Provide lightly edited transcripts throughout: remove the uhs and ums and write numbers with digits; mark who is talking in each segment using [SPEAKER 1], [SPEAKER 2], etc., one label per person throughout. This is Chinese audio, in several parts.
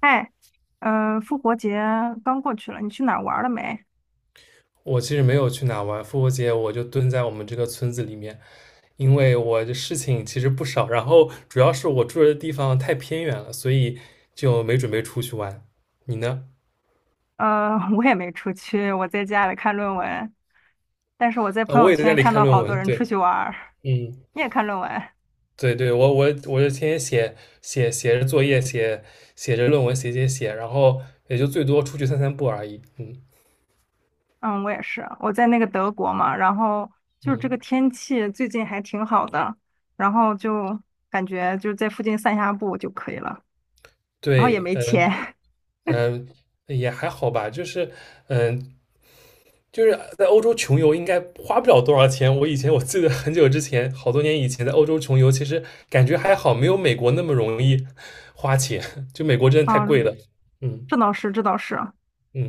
[SPEAKER 1] 嗨，复活节刚过去了，你去哪儿玩了没？
[SPEAKER 2] 我其实没有去哪玩，复活节我就蹲在我们这个村子里面，因为我的事情其实不少，然后主要是我住的地方太偏远了，所以就没准备出去玩。你呢？
[SPEAKER 1] 我也没出去，我在家里看论文。但是我在朋
[SPEAKER 2] 我
[SPEAKER 1] 友
[SPEAKER 2] 也在家
[SPEAKER 1] 圈
[SPEAKER 2] 里
[SPEAKER 1] 看
[SPEAKER 2] 看
[SPEAKER 1] 到
[SPEAKER 2] 论
[SPEAKER 1] 好多
[SPEAKER 2] 文，
[SPEAKER 1] 人
[SPEAKER 2] 对，
[SPEAKER 1] 出去玩儿，
[SPEAKER 2] 嗯。
[SPEAKER 1] 你也看论文？
[SPEAKER 2] 对对，我就天天写写着作业，写着论文，写，然后也就最多出去散散步而已，嗯。
[SPEAKER 1] 嗯，我也是，我在那个德国嘛，然后就是这个
[SPEAKER 2] 嗯，
[SPEAKER 1] 天气最近还挺好的，然后就感觉就在附近散下步就可以了，然后也
[SPEAKER 2] 对，
[SPEAKER 1] 没钱。
[SPEAKER 2] 嗯 嗯。也还好吧，就是，嗯，就是在欧洲穷游应该花不了多少钱。我以前我记得很久之前，好多年以前在欧洲穷游，其实感觉还好，没有美国那么容易花钱。就美国真的太贵
[SPEAKER 1] 嗯，
[SPEAKER 2] 了。嗯
[SPEAKER 1] 这倒是，这倒是，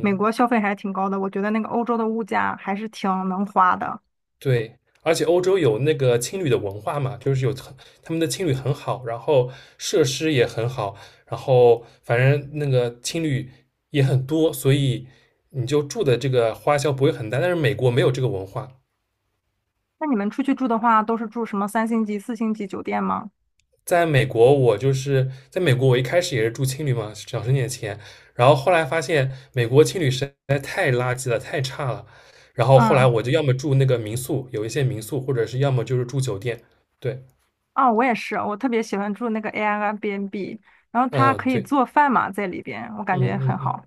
[SPEAKER 1] 美国消费还挺高的，我觉得那个欧洲的物价还是挺能花的。
[SPEAKER 2] 对。而且欧洲有那个青旅的文化嘛，就是有很他们的青旅很好，然后设施也很好，然后反正那个青旅也很多，所以你就住的这个花销不会很大。但是美国没有这个文化。
[SPEAKER 1] 那你们出去住的话，都是住什么三星级、四星级酒店吗？
[SPEAKER 2] 在美国，我就是在美国，我一开始也是住青旅嘛，省点钱，然后后来发现美国青旅实在太垃圾了，太差了，然后后来
[SPEAKER 1] 嗯，
[SPEAKER 2] 我就要么住那个民宿，有一些民宿，或者是要么就是住酒店。对，
[SPEAKER 1] 哦，我也是，我特别喜欢住那个 Airbnb，然后它
[SPEAKER 2] 嗯，
[SPEAKER 1] 可以
[SPEAKER 2] 对，
[SPEAKER 1] 做饭嘛，在里边，我感觉
[SPEAKER 2] 嗯嗯
[SPEAKER 1] 很
[SPEAKER 2] 嗯，
[SPEAKER 1] 好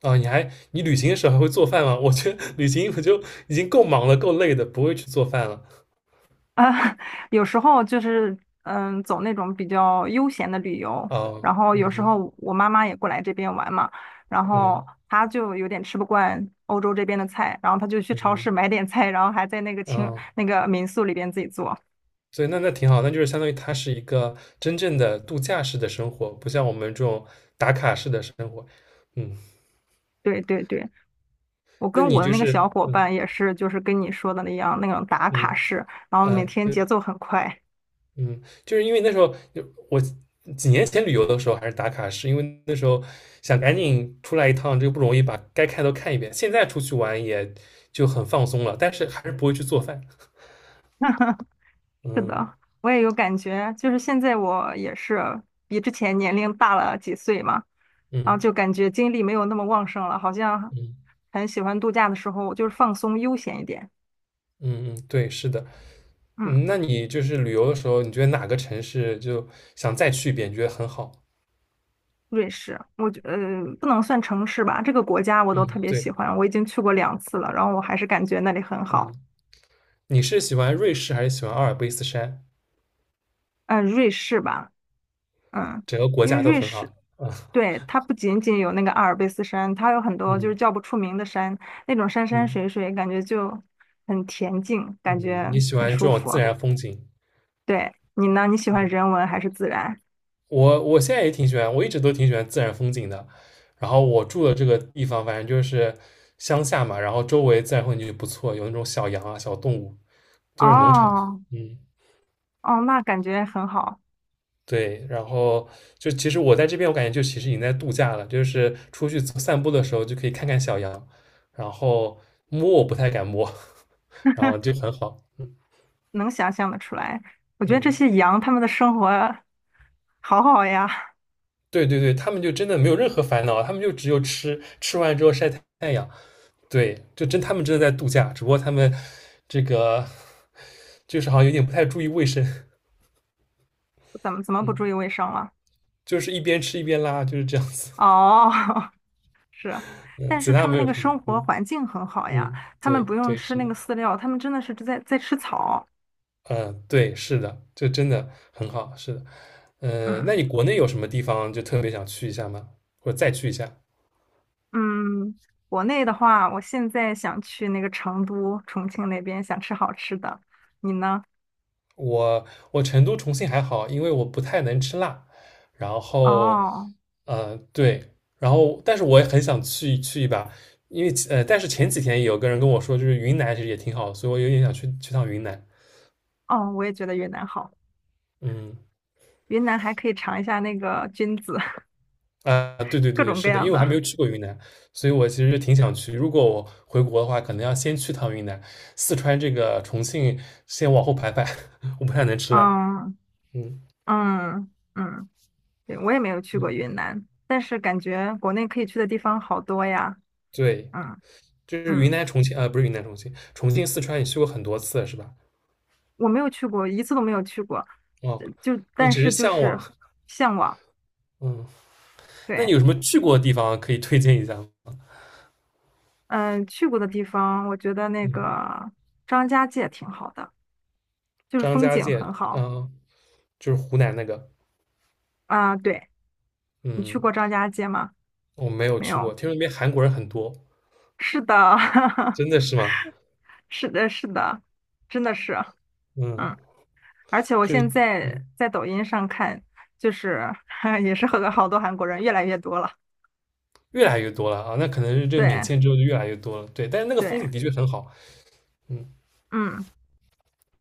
[SPEAKER 2] 啊，你旅行的时候还会做饭吗？我觉得旅行我就已经够忙了，够累的，不会去做饭了。
[SPEAKER 1] 啊。有时候就是嗯，走那种比较悠闲的旅游，
[SPEAKER 2] 啊，
[SPEAKER 1] 然后
[SPEAKER 2] 嗯
[SPEAKER 1] 有时
[SPEAKER 2] 嗯
[SPEAKER 1] 候我妈妈也过来这边玩嘛，然后
[SPEAKER 2] 嗯
[SPEAKER 1] 她就有点吃不惯欧洲这边的菜，然后她就去超市
[SPEAKER 2] 嗯
[SPEAKER 1] 买点菜，然后还在那个清
[SPEAKER 2] 嗯。
[SPEAKER 1] 那个民宿里边自己做。
[SPEAKER 2] 所以那挺好，那就是相当于它是一个真正的度假式的生活，不像我们这种打卡式的生活。嗯。
[SPEAKER 1] 对对对。我
[SPEAKER 2] 那
[SPEAKER 1] 跟
[SPEAKER 2] 你
[SPEAKER 1] 我的
[SPEAKER 2] 就
[SPEAKER 1] 那个
[SPEAKER 2] 是
[SPEAKER 1] 小伙伴也是，就是跟你说的那样，那种打卡
[SPEAKER 2] 嗯
[SPEAKER 1] 式，然后每
[SPEAKER 2] 啊
[SPEAKER 1] 天
[SPEAKER 2] 对
[SPEAKER 1] 节奏很快。
[SPEAKER 2] 嗯，就是因为那时候我几年前旅游的时候还是打卡式，因为那时候想赶紧出来一趟，这个不容易，把该看都看一遍。现在出去玩也就很放松了，但是还是不会去做饭。
[SPEAKER 1] 是
[SPEAKER 2] 嗯
[SPEAKER 1] 的，我也有感觉，就是现在我也是比之前年龄大了几岁嘛，然后
[SPEAKER 2] 嗯
[SPEAKER 1] 就感觉精力没有那么旺盛了，好像
[SPEAKER 2] 嗯
[SPEAKER 1] 很喜欢度假的时候就是放松悠闲一点。
[SPEAKER 2] 嗯嗯，对，是的。
[SPEAKER 1] 嗯，
[SPEAKER 2] 嗯，那你就是旅游的时候，你觉得哪个城市就想再去一遍，你觉得很好？
[SPEAKER 1] 瑞士，我觉不能算城市吧，这个国家我都特
[SPEAKER 2] 嗯，
[SPEAKER 1] 别喜
[SPEAKER 2] 对，
[SPEAKER 1] 欢，我已经去过两次了，然后我还是感觉那里很
[SPEAKER 2] 嗯，
[SPEAKER 1] 好。
[SPEAKER 2] 你是喜欢瑞士还是喜欢阿尔卑斯山？
[SPEAKER 1] 嗯，瑞士吧。嗯，
[SPEAKER 2] 整个国
[SPEAKER 1] 因为
[SPEAKER 2] 家都
[SPEAKER 1] 瑞
[SPEAKER 2] 很
[SPEAKER 1] 士，
[SPEAKER 2] 好。
[SPEAKER 1] 对，它不仅仅有那个阿尔卑斯山，它有很多就
[SPEAKER 2] 嗯
[SPEAKER 1] 是叫不出名的山，那种山山
[SPEAKER 2] 嗯
[SPEAKER 1] 水水，感觉就很恬静，感
[SPEAKER 2] 嗯。
[SPEAKER 1] 觉
[SPEAKER 2] 你喜
[SPEAKER 1] 很
[SPEAKER 2] 欢这
[SPEAKER 1] 舒
[SPEAKER 2] 种
[SPEAKER 1] 服。
[SPEAKER 2] 自然风景？
[SPEAKER 1] 对，你呢？你喜欢
[SPEAKER 2] 嗯，
[SPEAKER 1] 人文还是自然？
[SPEAKER 2] 我现在也挺喜欢，我一直都挺喜欢自然风景的。然后我住的这个地方，反正就是乡下嘛，然后周围自然风景就不错，有那种小羊啊、小动物，就是农场。
[SPEAKER 1] 哦
[SPEAKER 2] 嗯。
[SPEAKER 1] 哦，那感觉很好，
[SPEAKER 2] 对，然后其实我在这边，我感觉其实已经在度假了，就是出去走散步的时候就可以看看小羊，然后我不太敢摸，然后就很好。
[SPEAKER 1] 能想象得出来。我觉得这
[SPEAKER 2] 嗯，
[SPEAKER 1] 些羊它们的生活好好呀，
[SPEAKER 2] 对对对，他们就真的没有任何烦恼，他们就只有吃，吃完之后晒太阳。对，他们真的在度假，只不过他们这个就是好像有点不太注意卫生，
[SPEAKER 1] 怎么怎么不
[SPEAKER 2] 嗯，
[SPEAKER 1] 注意卫生了？
[SPEAKER 2] 就是一边吃一边拉，就是这样子。
[SPEAKER 1] 哦，是，
[SPEAKER 2] 嗯，
[SPEAKER 1] 但
[SPEAKER 2] 其
[SPEAKER 1] 是他
[SPEAKER 2] 他
[SPEAKER 1] 们
[SPEAKER 2] 没
[SPEAKER 1] 那
[SPEAKER 2] 有
[SPEAKER 1] 个
[SPEAKER 2] 什么。
[SPEAKER 1] 生活
[SPEAKER 2] 嗯
[SPEAKER 1] 环境很好呀，
[SPEAKER 2] 嗯，
[SPEAKER 1] 他们
[SPEAKER 2] 对
[SPEAKER 1] 不用
[SPEAKER 2] 对，
[SPEAKER 1] 吃
[SPEAKER 2] 是
[SPEAKER 1] 那
[SPEAKER 2] 的。
[SPEAKER 1] 个饲料，他们真的是在吃草。
[SPEAKER 2] 嗯，对，是的，这真的很好，是的。
[SPEAKER 1] 嗯
[SPEAKER 2] 那你国内有什么地方就特别想去一下吗？或者再去一下？
[SPEAKER 1] 嗯，国内的话，我现在想去那个成都、重庆那边，想吃好吃的。你呢？
[SPEAKER 2] 我我成都、重庆还好，因为我不太能吃辣，然后，
[SPEAKER 1] 哦
[SPEAKER 2] 呃，对，然后但是我也很想去去一把，因为但是前几天有个人跟我说，就是云南其实也挺好的所以我有点想去去趟云南，
[SPEAKER 1] 哦，我也觉得云南好，
[SPEAKER 2] 嗯。
[SPEAKER 1] 云南还可以尝一下那个菌子，
[SPEAKER 2] 啊，对对
[SPEAKER 1] 各
[SPEAKER 2] 对对，
[SPEAKER 1] 种各
[SPEAKER 2] 是的，因
[SPEAKER 1] 样
[SPEAKER 2] 为我还没
[SPEAKER 1] 的。
[SPEAKER 2] 有去过云南，所以我其实挺想去。如果我回国的话，可能要先去趟云南、四川重庆，先往后排排。我不太能吃辣。
[SPEAKER 1] 嗯
[SPEAKER 2] 嗯
[SPEAKER 1] 嗯嗯，对，我也没有去过
[SPEAKER 2] 嗯，
[SPEAKER 1] 云南，但是感觉国内可以去的地方好多呀。
[SPEAKER 2] 对，
[SPEAKER 1] 嗯
[SPEAKER 2] 就是云
[SPEAKER 1] 嗯。
[SPEAKER 2] 南、重庆，啊，不是云南、重庆，重庆、四川，你去过很多次了是吧？
[SPEAKER 1] 我没有去过，一次都没有去过，
[SPEAKER 2] 哦，
[SPEAKER 1] 呃就
[SPEAKER 2] 你
[SPEAKER 1] 但
[SPEAKER 2] 只是
[SPEAKER 1] 是就
[SPEAKER 2] 向
[SPEAKER 1] 是
[SPEAKER 2] 往。
[SPEAKER 1] 向往。
[SPEAKER 2] 嗯，那你
[SPEAKER 1] 对，
[SPEAKER 2] 有什么去过的地方可以推荐一下吗？
[SPEAKER 1] 嗯，去过的地方，我觉得那
[SPEAKER 2] 嗯，
[SPEAKER 1] 个张家界挺好的，就是
[SPEAKER 2] 张
[SPEAKER 1] 风
[SPEAKER 2] 家
[SPEAKER 1] 景
[SPEAKER 2] 界，
[SPEAKER 1] 很好
[SPEAKER 2] 嗯，就是湖南那个。
[SPEAKER 1] 啊。对，你去
[SPEAKER 2] 嗯，
[SPEAKER 1] 过张家界吗？
[SPEAKER 2] 我没有
[SPEAKER 1] 没
[SPEAKER 2] 去过，
[SPEAKER 1] 有。
[SPEAKER 2] 听说那边韩国人很多，
[SPEAKER 1] 是的，
[SPEAKER 2] 真的是吗？
[SPEAKER 1] 是的，是的，真的是，
[SPEAKER 2] 嗯，
[SPEAKER 1] 嗯。而且我
[SPEAKER 2] 就是。
[SPEAKER 1] 现在
[SPEAKER 2] 嗯
[SPEAKER 1] 在抖音上看，就是 也是和好多韩国人越来越多了。
[SPEAKER 2] 越来越多了啊，那可能是这个免
[SPEAKER 1] 对，
[SPEAKER 2] 签之后就越来越多了。对，但是那个风
[SPEAKER 1] 对，
[SPEAKER 2] 景的确很好。嗯
[SPEAKER 1] 嗯。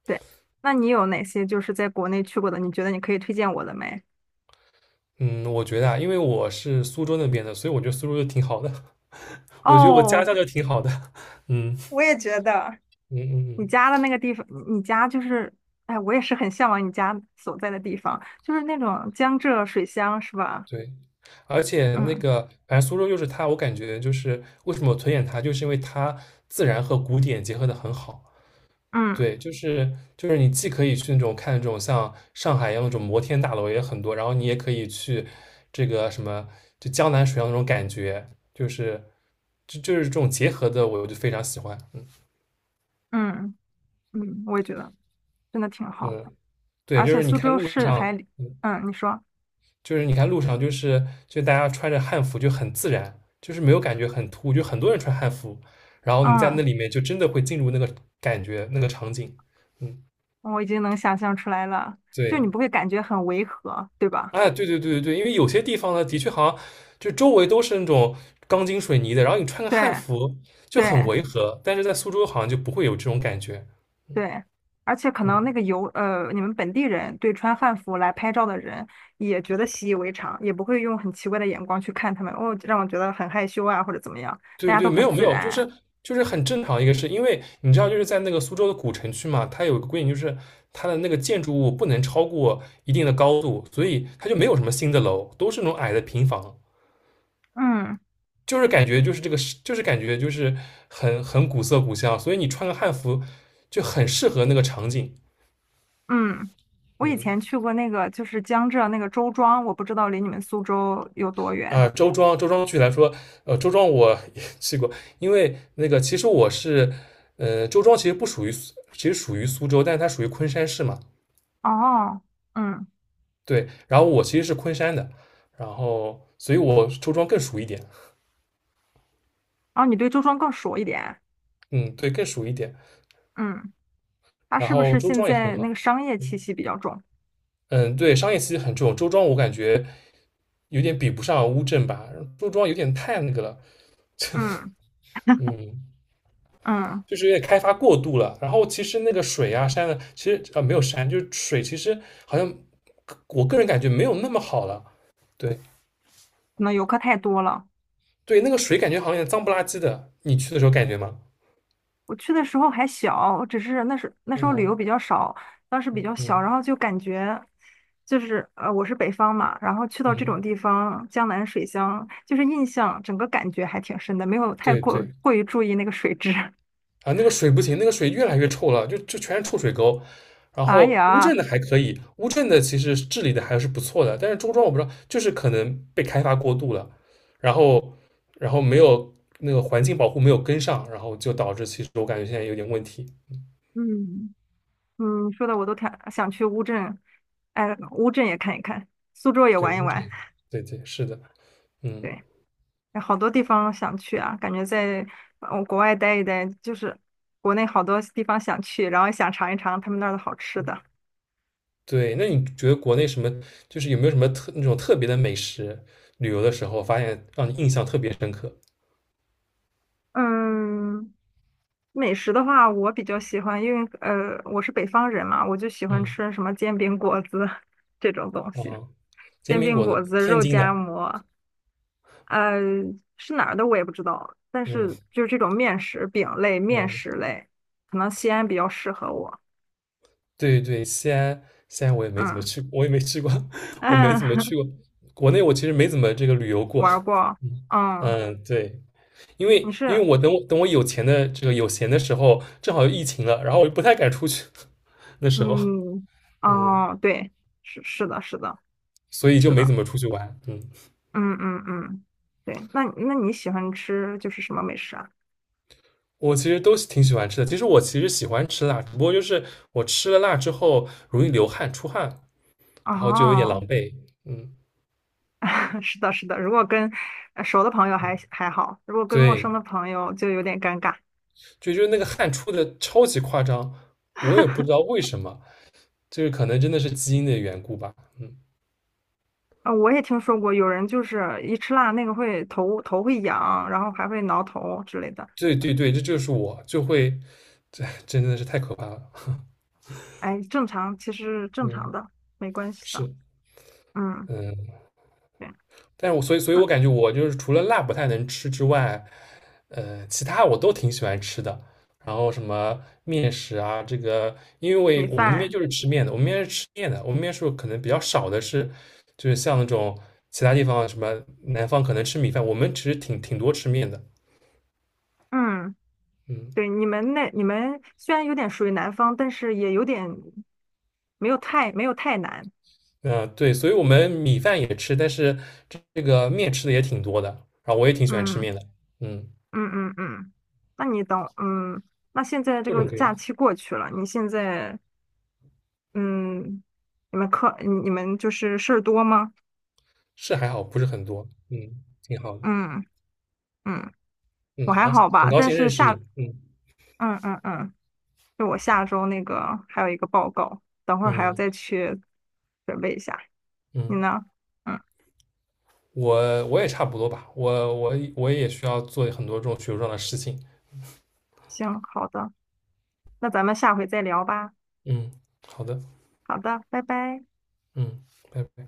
[SPEAKER 1] 对，那你有哪些就是在国内去过的？你觉得你可以推荐我的没？
[SPEAKER 2] 嗯，我觉得啊，因为我是苏州那边的，所以我觉得苏州就挺好的。我觉得我家
[SPEAKER 1] 哦，
[SPEAKER 2] 乡就挺好的。嗯
[SPEAKER 1] 我也觉得
[SPEAKER 2] 嗯嗯
[SPEAKER 1] 你家的
[SPEAKER 2] 嗯，
[SPEAKER 1] 那个地方，你家就是，哎，我也是很向往你家所在的地方，就是那种江浙水乡，是吧？
[SPEAKER 2] 对。而且那
[SPEAKER 1] 嗯
[SPEAKER 2] 个，反正苏州就是，我感觉就是为什么我推荐它，就是因为它自然和古典结合的很好。
[SPEAKER 1] 嗯
[SPEAKER 2] 对，就是你既可以去那种看那种像上海一样那种摩天大楼也很多，然后你也可以去这个什么就江南水乡那种感觉，就是这种结合的，我就非常喜欢。嗯
[SPEAKER 1] 嗯嗯，我也觉得真的挺好，
[SPEAKER 2] 嗯，对，
[SPEAKER 1] 而
[SPEAKER 2] 就
[SPEAKER 1] 且
[SPEAKER 2] 是你
[SPEAKER 1] 苏
[SPEAKER 2] 看
[SPEAKER 1] 州
[SPEAKER 2] 路
[SPEAKER 1] 市
[SPEAKER 2] 上，
[SPEAKER 1] 还离
[SPEAKER 2] 嗯，
[SPEAKER 1] 嗯，你说，
[SPEAKER 2] 就是你看路上，就大家穿着汉服就很自然，就是没有感觉很突兀，就很多人穿汉服，然后你在那
[SPEAKER 1] 嗯，
[SPEAKER 2] 里面就真的会进入感觉那个场景。嗯，
[SPEAKER 1] 我已经能想象出来了，就你不
[SPEAKER 2] 对。
[SPEAKER 1] 会感觉很违和，对吧？
[SPEAKER 2] 哎，对对对对对，因为有些地方呢，的确好像周围都是那种钢筋水泥的，然后你穿个汉
[SPEAKER 1] 对
[SPEAKER 2] 服就很
[SPEAKER 1] 对。
[SPEAKER 2] 违和，但是在苏州好像就不会有这种感觉。
[SPEAKER 1] 对，而且可
[SPEAKER 2] 嗯，
[SPEAKER 1] 能那个游呃，你们本地人对穿汉服来拍照的人也觉得习以为常，也不会用很奇怪的眼光去看他们，哦，让我觉得很害羞啊，或者怎么样，大
[SPEAKER 2] 对
[SPEAKER 1] 家
[SPEAKER 2] 对，
[SPEAKER 1] 都
[SPEAKER 2] 没
[SPEAKER 1] 很
[SPEAKER 2] 有没
[SPEAKER 1] 自
[SPEAKER 2] 有，
[SPEAKER 1] 然。
[SPEAKER 2] 就是很正常一个事，因为你知道就是在那个苏州的古城区嘛，它有个规定，就是它的那个建筑物不能超过一定的高度，所以它就没有什么新的楼，都是那种矮的平房。
[SPEAKER 1] 嗯
[SPEAKER 2] 就是感觉就是这个是，就是感觉就是很古色古香，所以你穿个汉服就很适合那个场景。
[SPEAKER 1] 嗯，我以
[SPEAKER 2] 嗯，
[SPEAKER 1] 前去过那个就是江浙那个周庄，我不知道离你们苏州有多远。
[SPEAKER 2] 啊，周庄，周庄具体来说，呃，周庄我也去过，因为其实我是，周庄其实不属于苏其实属于苏州，但是它属于昆山市嘛，
[SPEAKER 1] 哦，嗯，
[SPEAKER 2] 对，然后我其实是昆山的，然后所以我周庄更熟一点，
[SPEAKER 1] 哦，你对周庄更熟一点。
[SPEAKER 2] 嗯，对，更熟一点，
[SPEAKER 1] 嗯，它
[SPEAKER 2] 然
[SPEAKER 1] 是不
[SPEAKER 2] 后
[SPEAKER 1] 是
[SPEAKER 2] 周
[SPEAKER 1] 现
[SPEAKER 2] 庄也很
[SPEAKER 1] 在那
[SPEAKER 2] 好，
[SPEAKER 1] 个商业气息比较重？
[SPEAKER 2] 嗯，对，商业气息很重，周庄我感觉有点比不上乌镇吧，周庄有点太那个了，
[SPEAKER 1] 嗯
[SPEAKER 2] 嗯，
[SPEAKER 1] 嗯，
[SPEAKER 2] 就是有点开发过度了，然后其实那个水啊山啊，其实啊、呃没有山，就是水，其实好像我个人感觉没有那么好了。对
[SPEAKER 1] 可能游客太多了。
[SPEAKER 2] 对，那个水感觉好像有点脏不拉几的，你去的时候感觉吗？
[SPEAKER 1] 我去的时候还小，只是那时候旅游
[SPEAKER 2] 嗯
[SPEAKER 1] 比较少，当时比较小，
[SPEAKER 2] 嗯
[SPEAKER 1] 然后就感觉就是，我是北方嘛，然后去到这
[SPEAKER 2] 嗯，
[SPEAKER 1] 种地方，江南水乡，就是印象整个感觉还挺深的，没有太
[SPEAKER 2] 对
[SPEAKER 1] 过
[SPEAKER 2] 对
[SPEAKER 1] 过于注意那个水质。
[SPEAKER 2] 啊，那个水不行，那个水越来越臭了，就全是臭水沟。然
[SPEAKER 1] 哎
[SPEAKER 2] 后乌镇
[SPEAKER 1] 呀，
[SPEAKER 2] 的还可以，乌镇的其实治理的还是不错的，但是周庄我不知道，就是可能被开发过度了，然后没有环境保护没有跟上，然后就导致其实我感觉现在有点问题。
[SPEAKER 1] 嗯，嗯，说的我都挺想去乌镇，哎，乌镇也看一看，苏州也
[SPEAKER 2] 对
[SPEAKER 1] 玩一
[SPEAKER 2] 乌镇，
[SPEAKER 1] 玩。
[SPEAKER 2] 对对是的，嗯。
[SPEAKER 1] 对。好多地方想去啊，感觉在国外待一待，就是国内好多地方想去，然后也想尝一尝他们那儿的好吃的。
[SPEAKER 2] 对，那你觉得国内什么，就是有没有什么那种特别的美食？旅游的时候发现让你印象特别深刻。
[SPEAKER 1] 嗯，美食的话，我比较喜欢，因为我是北方人嘛，我就喜欢
[SPEAKER 2] 嗯，
[SPEAKER 1] 吃什么煎饼果子 这种东西，
[SPEAKER 2] 啊，煎
[SPEAKER 1] 煎
[SPEAKER 2] 饼
[SPEAKER 1] 饼
[SPEAKER 2] 果
[SPEAKER 1] 果
[SPEAKER 2] 子，
[SPEAKER 1] 子、
[SPEAKER 2] 天
[SPEAKER 1] 肉
[SPEAKER 2] 津
[SPEAKER 1] 夹
[SPEAKER 2] 的。
[SPEAKER 1] 馍，呃是哪儿的我也不知道，但
[SPEAKER 2] 嗯
[SPEAKER 1] 是就是这种面食、饼类、面
[SPEAKER 2] 嗯，
[SPEAKER 1] 食类，可能西安比较适合我。
[SPEAKER 2] 对对，西安我也没怎么
[SPEAKER 1] 嗯
[SPEAKER 2] 去，我也没去过，我没怎么
[SPEAKER 1] 嗯，
[SPEAKER 2] 去过。国内我其实没怎么这个旅游 过。
[SPEAKER 1] 玩儿过，
[SPEAKER 2] 嗯
[SPEAKER 1] 嗯。
[SPEAKER 2] 嗯，对，因为
[SPEAKER 1] 你是
[SPEAKER 2] 我有钱的这个有闲的时候，正好又疫情了，然后我就不太敢出去，那时候，
[SPEAKER 1] 嗯，
[SPEAKER 2] 嗯，
[SPEAKER 1] 哦，对，是是的，是的，
[SPEAKER 2] 所以就
[SPEAKER 1] 是
[SPEAKER 2] 没
[SPEAKER 1] 的，
[SPEAKER 2] 怎么出去玩。嗯。
[SPEAKER 1] 嗯嗯嗯，对，那那你喜欢吃就是什么美食啊？
[SPEAKER 2] 我其实都挺喜欢吃的。其实喜欢吃辣，只不过就是我吃了辣之后容易流汗出汗，然后就有点狼
[SPEAKER 1] 哦，
[SPEAKER 2] 狈。嗯，
[SPEAKER 1] 是的，是的，如果跟熟的朋友还好，如果跟陌
[SPEAKER 2] 对，
[SPEAKER 1] 生的朋友就有点尴尬。
[SPEAKER 2] 就是那个汗出的超级夸张，我也不知道 为什么，就是可能真的是基因的缘故吧。嗯，
[SPEAKER 1] 啊，我也听说过有人就是一吃辣那个会头会痒，然后还会挠头之类的。
[SPEAKER 2] 对对对，这就是我就会真的是太可怕了。
[SPEAKER 1] 哎，正常，其实正
[SPEAKER 2] 嗯，
[SPEAKER 1] 常的，没关系的。
[SPEAKER 2] 是，
[SPEAKER 1] 嗯，
[SPEAKER 2] 嗯。
[SPEAKER 1] 对，
[SPEAKER 2] 但是我所以，所以
[SPEAKER 1] 那
[SPEAKER 2] 我感觉我就是除了辣不太能吃之外，呃，其他我都挺喜欢吃的。然后什么面食啊，这个，因
[SPEAKER 1] 米
[SPEAKER 2] 为我们那边
[SPEAKER 1] 饭，
[SPEAKER 2] 就是吃面的，我们那边是可能比较少的是，就是像那种其他地方什么南方可能吃米饭，我们其实挺多吃面的，
[SPEAKER 1] 嗯。
[SPEAKER 2] 嗯
[SPEAKER 1] 对，你们那你们虽然有点属于南方，但是也有点没有太难。
[SPEAKER 2] 嗯、呃对，所以我们米饭也吃，但是这个面吃的也挺多的，然后我也挺喜欢吃
[SPEAKER 1] 嗯
[SPEAKER 2] 面的，嗯，
[SPEAKER 1] 嗯嗯嗯，那你等嗯，那现在这
[SPEAKER 2] 各
[SPEAKER 1] 个
[SPEAKER 2] 种各样，
[SPEAKER 1] 假期过去了，你现在嗯，你们就是事儿多吗？
[SPEAKER 2] 是还好，不是很多，嗯，挺好的。
[SPEAKER 1] 嗯嗯，
[SPEAKER 2] 嗯，
[SPEAKER 1] 我还
[SPEAKER 2] 好，
[SPEAKER 1] 好
[SPEAKER 2] 很
[SPEAKER 1] 吧，
[SPEAKER 2] 高
[SPEAKER 1] 但
[SPEAKER 2] 兴认
[SPEAKER 1] 是
[SPEAKER 2] 识
[SPEAKER 1] 下
[SPEAKER 2] 你。嗯
[SPEAKER 1] 嗯嗯嗯，就我下周那个还有一个报告，等会儿还要
[SPEAKER 2] 嗯
[SPEAKER 1] 再去准备一下。你
[SPEAKER 2] 嗯，
[SPEAKER 1] 呢？嗯，
[SPEAKER 2] 我也差不多吧，我也需要做很多这种学术上的事情。
[SPEAKER 1] 行，好的，那咱们下回再聊吧。
[SPEAKER 2] 嗯，好的，
[SPEAKER 1] 好的，拜拜。
[SPEAKER 2] 嗯，拜拜。